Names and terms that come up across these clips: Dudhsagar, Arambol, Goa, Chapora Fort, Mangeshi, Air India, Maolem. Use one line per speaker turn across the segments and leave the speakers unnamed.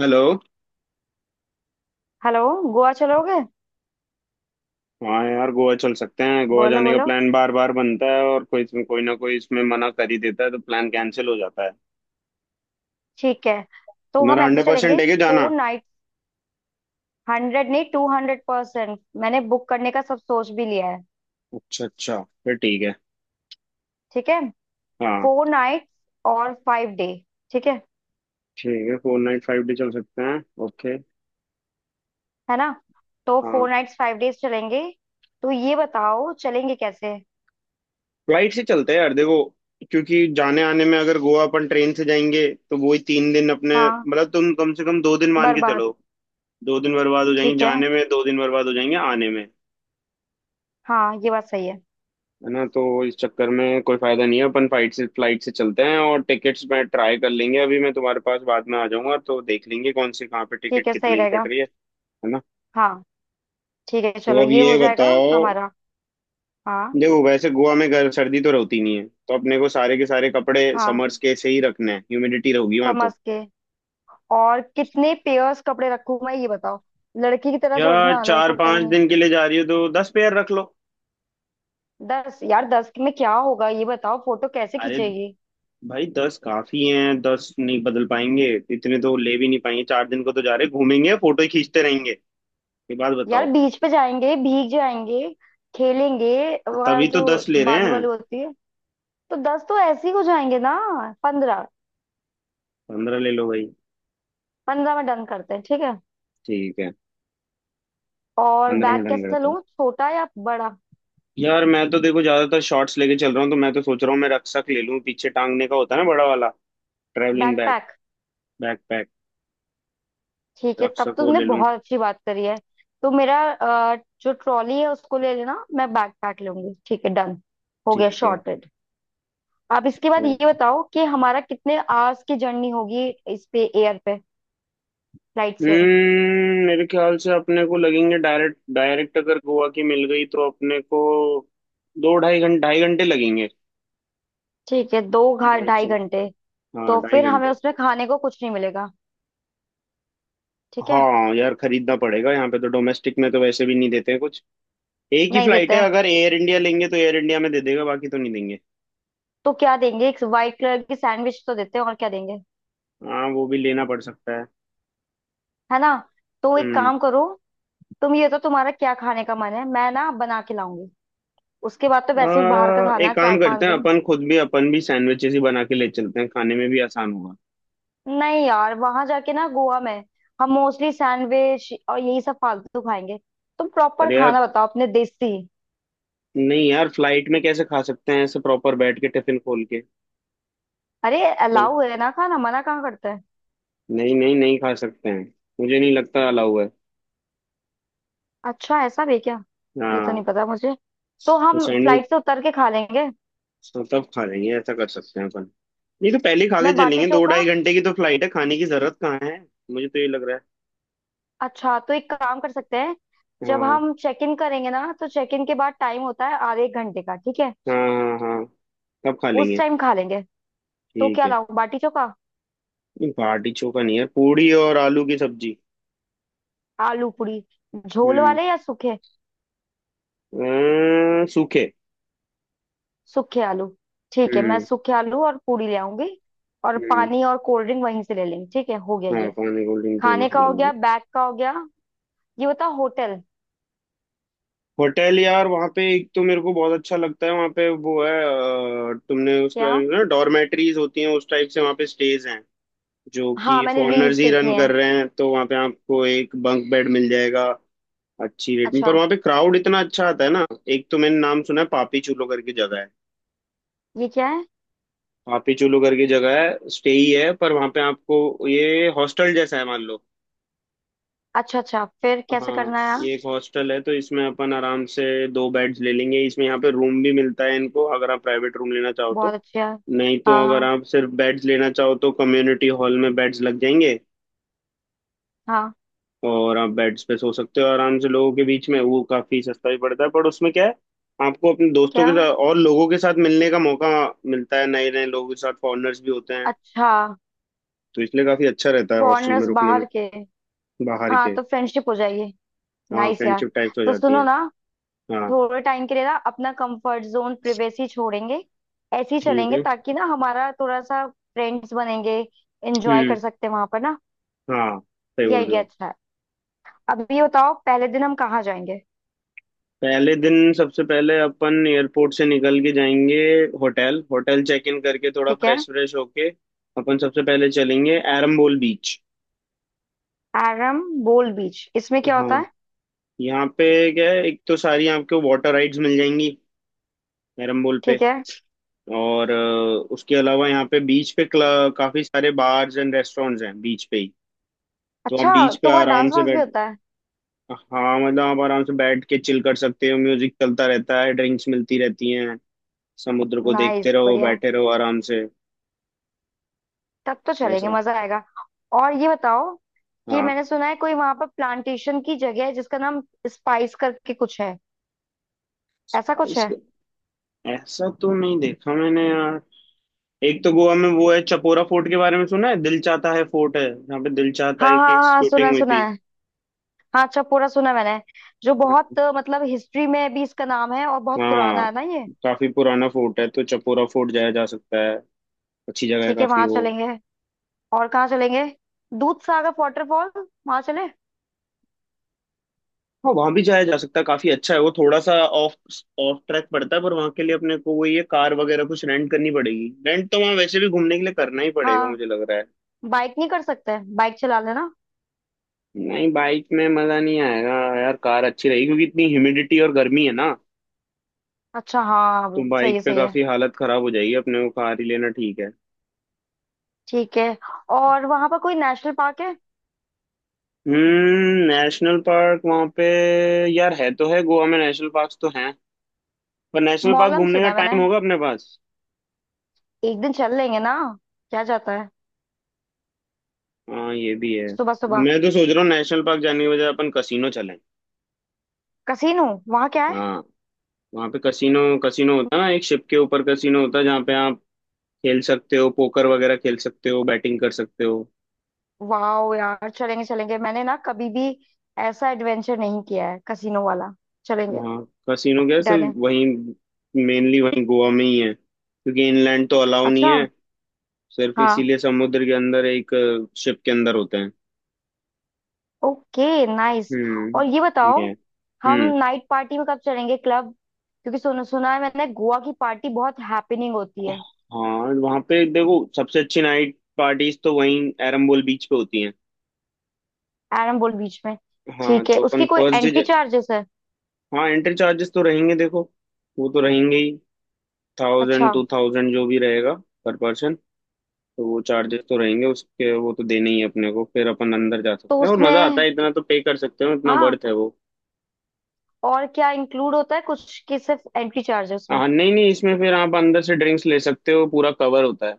Hello.
Hello. Goa चलोगे?
हाँ यार गोवा चल सकते हैं। गोवा
बोलो
जाने का
बोलो।
प्लान बार बार बनता है और कोई कोई ना कोई इसमें मना कर ही देता है तो प्लान कैंसिल हो जाता है।
ठीक है, तो हम
तुम्हारा
ऐसे
100%
चलेंगे।
है कि जाना?
4 नाइट। हंड्रेड नहीं, 200%। मैंने बुक करने का सब सोच भी लिया है।
अच्छा अच्छा। फिर ठीक है।
ठीक है।
हाँ।
4 नाइट्स और 5 डे। ठीक है
ठीक है फोर नाइट फाइव डे चल सकते हैं। ओके।
है ना? तो
हाँ।
4 नाइट्स 5 डेज चलेंगे। तो ये बताओ, चलेंगे कैसे?
फ्लाइट से चलते हैं यार, देखो, क्योंकि जाने आने में अगर गोवा अपन ट्रेन से जाएंगे तो वही तीन दिन अपने
हाँ।
मतलब तुम कम से कम दो दिन मान के
बर्बाद।
चलो। दो दिन बर्बाद हो जाएंगे
ठीक है।
जाने में, दो दिन बर्बाद हो जाएंगे आने में।
हाँ, ये बात सही है।
है ना। तो इस चक्कर में कोई फायदा नहीं है, अपन फ्लाइट से चलते हैं और टिकट्स मैं ट्राई कर लेंगे। अभी मैं तुम्हारे पास बाद में आ जाऊंगा तो देख लेंगे कौन सी कहाँ पे
ठीक
टिकट
है, सही
कितने की पड़
रहेगा।
रही है। है ना।
हाँ। ठीक है,
तो
चलो
अब
ये हो
ये
जाएगा।
बताओ।
हमारा। हाँ।
देखो वैसे गोवा में गर्म सर्दी तो रहती नहीं है, तो अपने को सारे के सारे कपड़े
हाँ,
समर्स के से ही रखने हैं, ह्यूमिडिटी रहोगी वहां
समझ
तो।
के। और कितने पेयर्स कपड़े रखूं मैं, ये बताओ। लड़की की तरह
या
सोचना,
चार
लड़कों की तरह
पांच
नहीं।
दिन के लिए जा रही हो तो 10 पेयर रख लो।
10? यार 10 में क्या होगा, ये बताओ। फोटो कैसे
अरे
खींचेगी?
भाई 10 काफी हैं 10 नहीं बदल पाएंगे। इतने तो ले भी नहीं पाएंगे, चार दिन को तो जा रहे, घूमेंगे फोटो खींचते रहेंगे। ये बात
यार,
बताओ।
बीच पे जाएंगे, भीग जाएंगे, खेलेंगे। वह
तभी तो
जो
दस ले रहे
बालू
हैं
वालू होती है, तो 10 तो ऐसे ही हो जाएंगे ना। 15।
15 ले लो भाई।
15 में डन करते हैं, ठीक है।
ठीक है,
और
पंद्रह
बैग
में डन
कैसा
करता हूँ।
लूं, छोटा या बड़ा?
यार मैं तो देखो ज्यादातर शॉर्ट्स लेके चल रहा हूँ, तो मैं तो सोच रहा हूँ मैं रक्षक ले लूँ, पीछे टांगने का होता है ना, बड़ा वाला। Travelling bag.
बैकपैक।
बैकपैक।
ठीक है, तब
रक्षक वो
तुमने
ले लूँ।
बहुत अच्छी बात करी है। तो मेरा जो ट्रॉली है उसको ले लेना, मैं बैकपैक लूंगी। ठीक है, डन। हो गया,
ठीक है।
शॉर्टेड। अब इसके बाद
वो
ये बताओ, कि हमारा कितने आवर्स की जर्नी होगी? इस पे, एयर पे, फ्लाइट से।
मेरे ख्याल से अपने को लगेंगे डायरेक्ट डायरेक्ट अगर गोवा की मिल गई तो अपने को दो ढाई घंटे लगेंगे।
ठीक है, दो घा
ढाई
ढाई
से।
घंटे
हाँ
तो
ढाई
फिर हमें
घंटे।
उसमें खाने को कुछ नहीं मिलेगा? ठीक है।
हाँ यार खरीदना पड़ेगा यहाँ पे, तो डोमेस्टिक में तो वैसे भी नहीं देते कुछ। एक ही
नहीं देते
फ्लाइट है,
हैं?
अगर एयर इंडिया लेंगे तो एयर इंडिया में दे देगा, बाकी तो नहीं देंगे।
तो क्या देंगे? एक वाइट कलर की सैंडविच तो देते हैं, और क्या देंगे?
हाँ वो भी लेना पड़ सकता है।
है ना। तो एक
हम्म
काम करो, तुम ये तो, तुम्हारा क्या खाने का मन है, मैं ना बना के लाऊंगी। उसके बाद तो वैसे भी बाहर का खाना
एक
है चार
काम करते
पांच
हैं,
दिन
अपन खुद भी अपन भी सैंडविचेस ही बना के ले चलते हैं, खाने में भी आसान होगा।
नहीं यार, वहां जाके ना गोवा में हम मोस्टली सैंडविच और यही सब फालतू खाएंगे। तुम प्रॉपर
अरे यार।
खाना बताओ, अपने देसी।
नहीं यार, फ्लाइट में कैसे खा सकते हैं ऐसे प्रॉपर बैठ के टिफिन खोल के।
अरे,
तो,
अलाउ है ना खाना, मना कहाँ करता है?
नहीं, नहीं, नहीं खा सकते हैं। मुझे नहीं लगता अलाउ है।
अच्छा, ऐसा भी है क्या? ये तो
हाँ।
नहीं पता मुझे। तो
तो
हम
सैंडविच
फ्लाइट से उतर के खा लेंगे।
तब खा लेंगे, ऐसा कर सकते हैं अपन। नहीं तो पहले ही खा
मैं
के
बाटी
चलेंगे, दो
चोखा।
ढाई घंटे की तो फ्लाइट है, खाने की जरूरत कहाँ है। मुझे तो ये लग रहा
अच्छा, तो एक काम कर सकते हैं।
है।
जब
हाँ,
हम चेक इन करेंगे ना, तो चेक इन के बाद टाइम होता है आधे एक घंटे का, ठीक है।
हाँ, हाँ, हाँ। तब खा
उस
लेंगे।
टाइम खा लेंगे। तो
ठीक
क्या
है।
लाऊं, बाटी चोखा?
नहीं बाटी चोखा नहीं है, पूड़ी और आलू की सब्जी।
आलू पूरी। झोल
हम्म
वाले या सूखे?
सूखे।
सूखे आलू। ठीक है, मैं
हम्म।
सूखे आलू और पूरी ले आऊंगी। और
हम्म।
पानी और कोल्ड ड्रिंक वहीं से ले लेंगे, ठीक है, हो गया
हाँ
ये।
पानी कोल्ड ड्रिंक तो
खाने
हमसे
का
ले
हो गया,
लेंगे।
बैग का हो गया। ये बताओ, होटल?
होटल यार, वहाँ पे एक तो मेरे को बहुत अच्छा लगता है, वहाँ पे वो है तुमने उसके बारे
क्या?
में सुना, डॉर्मेट्रीज होती हैं उस टाइप से, वहाँ पे स्टेज हैं जो
हाँ,
कि
मैंने रील्स
फॉरेनर्स ही
देखी
रन कर
हैं।
रहे हैं, तो वहाँ पे आपको एक बंक बेड मिल जाएगा। अच्छी रेट में, पर
अच्छा।
वहाँ पे क्राउड इतना अच्छा आता है ना। एक तो मैंने नाम सुना है पापी चूलो करके जगह है।
ये क्या है?
पापीचुलू की जगह है, स्टे ही है, पर वहां पे आपको ये हॉस्टल जैसा है मान लो।
अच्छा अच्छा, फिर कैसे
हाँ।
करना है यार?
ये एक हॉस्टल है तो इसमें अपन आराम से 2 बेड्स ले लेंगे इसमें, यहाँ पे रूम भी मिलता है इनको अगर आप प्राइवेट रूम लेना चाहो
बहुत
तो।
अच्छा है।
नहीं तो
हाँ
अगर
हाँ।
आप सिर्फ बेड्स लेना चाहो तो कम्युनिटी हॉल में बेड्स लग जाएंगे।
हाँ।
और आप बेड्स पे सो सकते हो आराम से लोगों के बीच में, वो काफी सस्ता भी पड़ता है, पर उसमें क्या है, आपको अपने दोस्तों
क्या?
के साथ और लोगों के साथ मिलने का मौका मिलता है, नए नए लोगों के साथ, फॉरेनर्स भी होते हैं।
अच्छा।
तो इसलिए काफी अच्छा रहता है हॉस्टल में
फॉरेनर्स,
रुकने में।
बाहर के?
बाहर
हाँ,
के।
तो फ्रेंडशिप हो जाएगी।
हाँ
नाइस यार।
फ्रेंडशिप टाइप्स हो
तो
जाती है।
सुनो ना,
हाँ।
थोड़े टाइम के लिए ना अपना कंफर्ट जोन, प्रिवेसी छोड़ेंगे, ऐसे ही
ठीक
चलेंगे,
है।
ताकि ना हमारा थोड़ा सा फ्रेंड्स बनेंगे, एंजॉय
हम्म।
कर सकते हैं वहां पर ना।
हाँ, सही
ये
बोल रहे
आइडिया
हो।
अच्छा है। अब ये बताओ, पहले दिन हम कहाँ जाएंगे?
पहले दिन सबसे पहले अपन एयरपोर्ट से निकल के जाएंगे, होटल होटल चेक इन करके, थोड़ा
ठीक है।
फ्रेश फ्रेश होके अपन सबसे पहले चलेंगे एरम्बोल बीच।
आरम बोल बीच, इसमें क्या होता
हाँ।
है?
यहाँ पे क्या है, एक तो सारी आपको वाटर राइड्स मिल जाएंगी एरम्बोल पे।
ठीक है।
और उसके अलावा यहाँ पे बीच पे काफी सारे बार्स एंड रेस्टोरेंट्स हैं, बीच पे ही। तो आप
अच्छा,
बीच पे
तो वहाँ
आराम
डांस
से
वांस भी
बैठ।
होता है?
हाँ, मतलब आप आराम से बैठ के चिल कर सकते हो, म्यूजिक चलता रहता है, ड्रिंक्स मिलती रहती हैं। समुद्र को देखते
नाइस,
रहो,
बढ़िया है।
बैठे रहो आराम से।
तब तो चलेंगे,
ऐसा।
मजा आएगा। और ये बताओ, कि
हाँ।
मैंने सुना है कोई वहां पर प्लांटेशन की जगह है जिसका नाम स्पाइस करके कुछ है। ऐसा कुछ
स्पाइस।
है?
ऐसा तो नहीं देखा मैंने यार। एक तो गोवा में वो है, चपोरा फोर्ट के बारे में सुना है, दिल चाहता है फोर्ट है यहाँ पे, दिल चाहता
हाँ
है
हाँ
की
हाँ,
शूटिंग
सुना
हुई
सुना
थी।
है। हाँ, अच्छा, पूरा सुना मैंने। जो बहुत मतलब हिस्ट्री में भी इसका नाम है, और बहुत
हाँ।
पुराना है ना ये।
काफी पुराना फोर्ट है, तो चपोरा फोर्ट जाया जा सकता है। अच्छी जगह है
ठीक है,
काफी
वहां
वो।
चलेंगे। और कहाँ चलेंगे? दूध सागर वाटरफॉल, वहां चले?
हाँ वहां भी जाया जा सकता है, काफी अच्छा है वो, थोड़ा सा ऑफ ऑफ ट्रैक पड़ता है, पर वहां के लिए अपने को वो ये कार वगैरह कुछ रेंट करनी पड़ेगी, रेंट तो वहां वैसे भी घूमने के लिए करना ही पड़ेगा,
हाँ।
मुझे लग रहा है।
बाइक नहीं कर सकते? बाइक चला लेना।
नहीं, बाइक में मजा नहीं आएगा यार, कार अच्छी रहेगी, क्योंकि इतनी ह्यूमिडिटी और गर्मी है ना।
अच्छा, हाँ,
तो
अभी सही
बाइक
है,
पे
सही है।
काफी हालत खराब हो जाएगी, अपने को कार ही लेना ठीक है।
ठीक है। और वहां पर कोई नेशनल पार्क है?
नेशनल पार्क वहां पे। यार है तो है, गोवा में नेशनल पार्क तो हैं, पर नेशनल पार्क
मौलम
घूमने का
सुना है मैंने।
टाइम होगा अपने पास?
एक दिन चल लेंगे ना। क्या जाता है
हाँ ये भी है।
सुबह सुबह?
मैं तो सोच रहा हूँ नेशनल पार्क जाने के बजाय अपन कसिनो चलें।
कसीनो? वहां क्या है?
हाँ वहाँ पे कसिनो। कसिनो होता है ना, एक शिप के ऊपर कसिनो होता है, जहाँ पे आप खेल सकते हो, पोकर वगैरह खेल सकते हो, बैटिंग कर सकते हो।
वाह यार, चलेंगे चलेंगे। मैंने ना कभी भी ऐसा एडवेंचर नहीं किया है, कसीनो वाला। चलेंगे।
वहाँ। कसिनो क्या है,
डन
सिर्फ
है।
वहीं मेनली, वहीं गोवा में ही है, क्योंकि इनलैंड तो अलाउ नहीं
अच्छा।
है। सिर्फ
हाँ।
इसीलिए समुद्र के अंदर एक शिप के अंदर होते हैं।
ओके। नाइस। और ये
ये
बताओ,
है।
हम
हम्म।
नाइट पार्टी में कब चलेंगे, क्लब? क्योंकि सुना सुना है मैंने, गोवा की पार्टी बहुत हैपनिंग होती है।
हाँ वहाँ पे देखो, सबसे अच्छी नाइट पार्टीज तो वहीं एरम्बोल बीच पे होती हैं।
एरम्बोल बीच में?
हाँ
ठीक है।
तो अपन
उसकी कोई
फर्स्ट
एंट्री
डे।
चार्जेस है?
हाँ एंट्री चार्जेस तो रहेंगे, देखो, वो तो रहेंगे ही।
अच्छा।
1000 टू 2000 जो भी रहेगा, पर पर्सन। तो वो चार्जेस तो रहेंगे उसके, वो तो देने ही हैं अपने को, फिर अपन अंदर जा
तो
सकते हैं और मजा आता
उसमें,
है, इतना तो पे कर सकते हो, इतना
हाँ,
वर्थ है वो।
और क्या इंक्लूड होता है कुछ, कि सिर्फ एंट्री चार्ज है उसमें?
हाँ, नहीं, नहीं, इसमें फिर आप अंदर से ड्रिंक्स ले सकते हो, पूरा कवर होता है।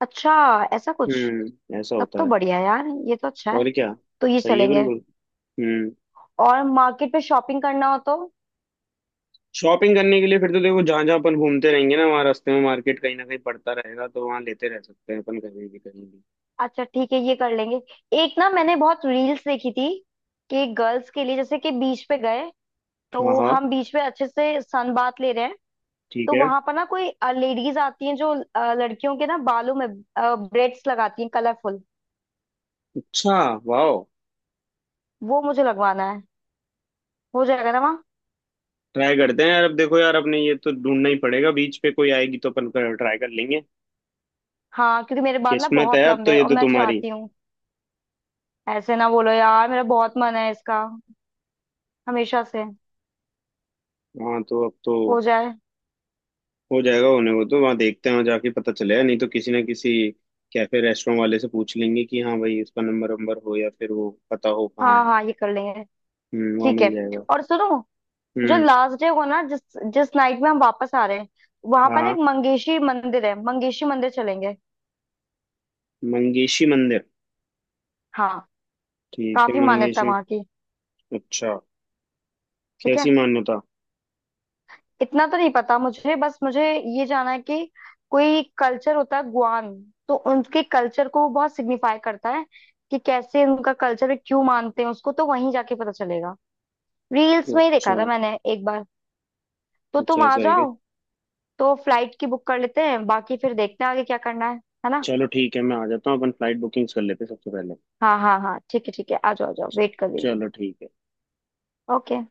अच्छा। ऐसा कुछ।
ऐसा
तब
होता
तो
है।
बढ़िया है यार, ये तो अच्छा है।
और क्या।
तो ये
सही है
चलेंगे।
बिल्कुल। हम्म
और मार्केट में शॉपिंग करना हो तो?
शॉपिंग करने के लिए फिर तो देखो, जहां जहां अपन घूमते रहेंगे ना, वहाँ रास्ते में मार्केट कहीं ना कहीं पड़ता रहेगा, तो वहां लेते रह सकते हैं अपन कहीं भी कहीं भी।
अच्छा, ठीक है, ये कर लेंगे। एक ना मैंने बहुत रील्स देखी थी, कि गर्ल्स के लिए, जैसे कि बीच पे गए
हाँ,
तो
हाँ।
हम बीच पे अच्छे से सन बात ले रहे हैं,
ठीक
तो
है।
वहां पर ना कोई लेडीज आती हैं, जो लड़कियों के ना बालों में ब्रेड्स लगाती हैं कलरफुल।
अच्छा। वाह।
वो मुझे लगवाना है। हो जाएगा ना वहाँ?
ट्राई करते हैं यार, अब देखो यार, अपने ये तो ढूंढना ही पड़ेगा, बीच पे कोई आएगी तो अपन ट्राई कर लेंगे।
हाँ, क्योंकि मेरे बाल ना
किस्मत है
बहुत
अब
लंबे
तो
हैं,
ये
और
तो
मैं
तुम्हारी।
चाहती हूँ। ऐसे ना बोलो यार, मेरा बहुत मन है इसका, हमेशा से।
हाँ तो अब तो
हो जाए।
हो जाएगा, होने को तो, वहाँ देखते हैं, वहाँ जाके पता चलेगा, नहीं तो किसी ना किसी कैफे रेस्टोरेंट वाले से पूछ लेंगे कि हाँ भाई इसका नंबर वंबर हो या फिर वो पता हो कहाँ
हाँ
है।
हाँ, ये कर लेंगे।
वहाँ
ठीक है।
मिल जाएगा।
और सुनो, जो
हम्म।
लास्ट डे को ना, जिस जिस नाइट में हम वापस आ रहे हैं, वहां
हाँ,
पर ना
हाँ,
एक मंगेशी मंदिर है, मंगेशी मंदिर चलेंगे।
मंगेशी मंदिर।
हाँ,
ठीक है
काफी मान्यता
मंगेशी।
वहां की।
अच्छा।
ठीक है।
कैसी मान्यता?
इतना तो नहीं पता मुझे, बस मुझे ये जाना है कि कोई कल्चर होता है गुआन, तो उनके कल्चर को वो बहुत सिग्निफाई करता है, कि कैसे उनका कल्चर, क्यों मानते हैं उसको, तो वहीं जाके पता चलेगा। रील्स में ही देखा
अच्छा।
था मैंने एक बार। तो
अच्छा
तुम आ
ऐसा है क्या?
जाओ। तो फ्लाइट की बुक कर लेते हैं, बाकी फिर देखते हैं आगे क्या करना है ना।
चलो ठीक है, मैं आ जाता हूँ, अपन फ्लाइट बुकिंग्स कर लेते हैं सबसे पहले।
हाँ हाँ हाँ, ठीक है ठीक है, आ जाओ आ जाओ,
च-
वेट कर रही हूँ।
चलो ठीक है।
ओके।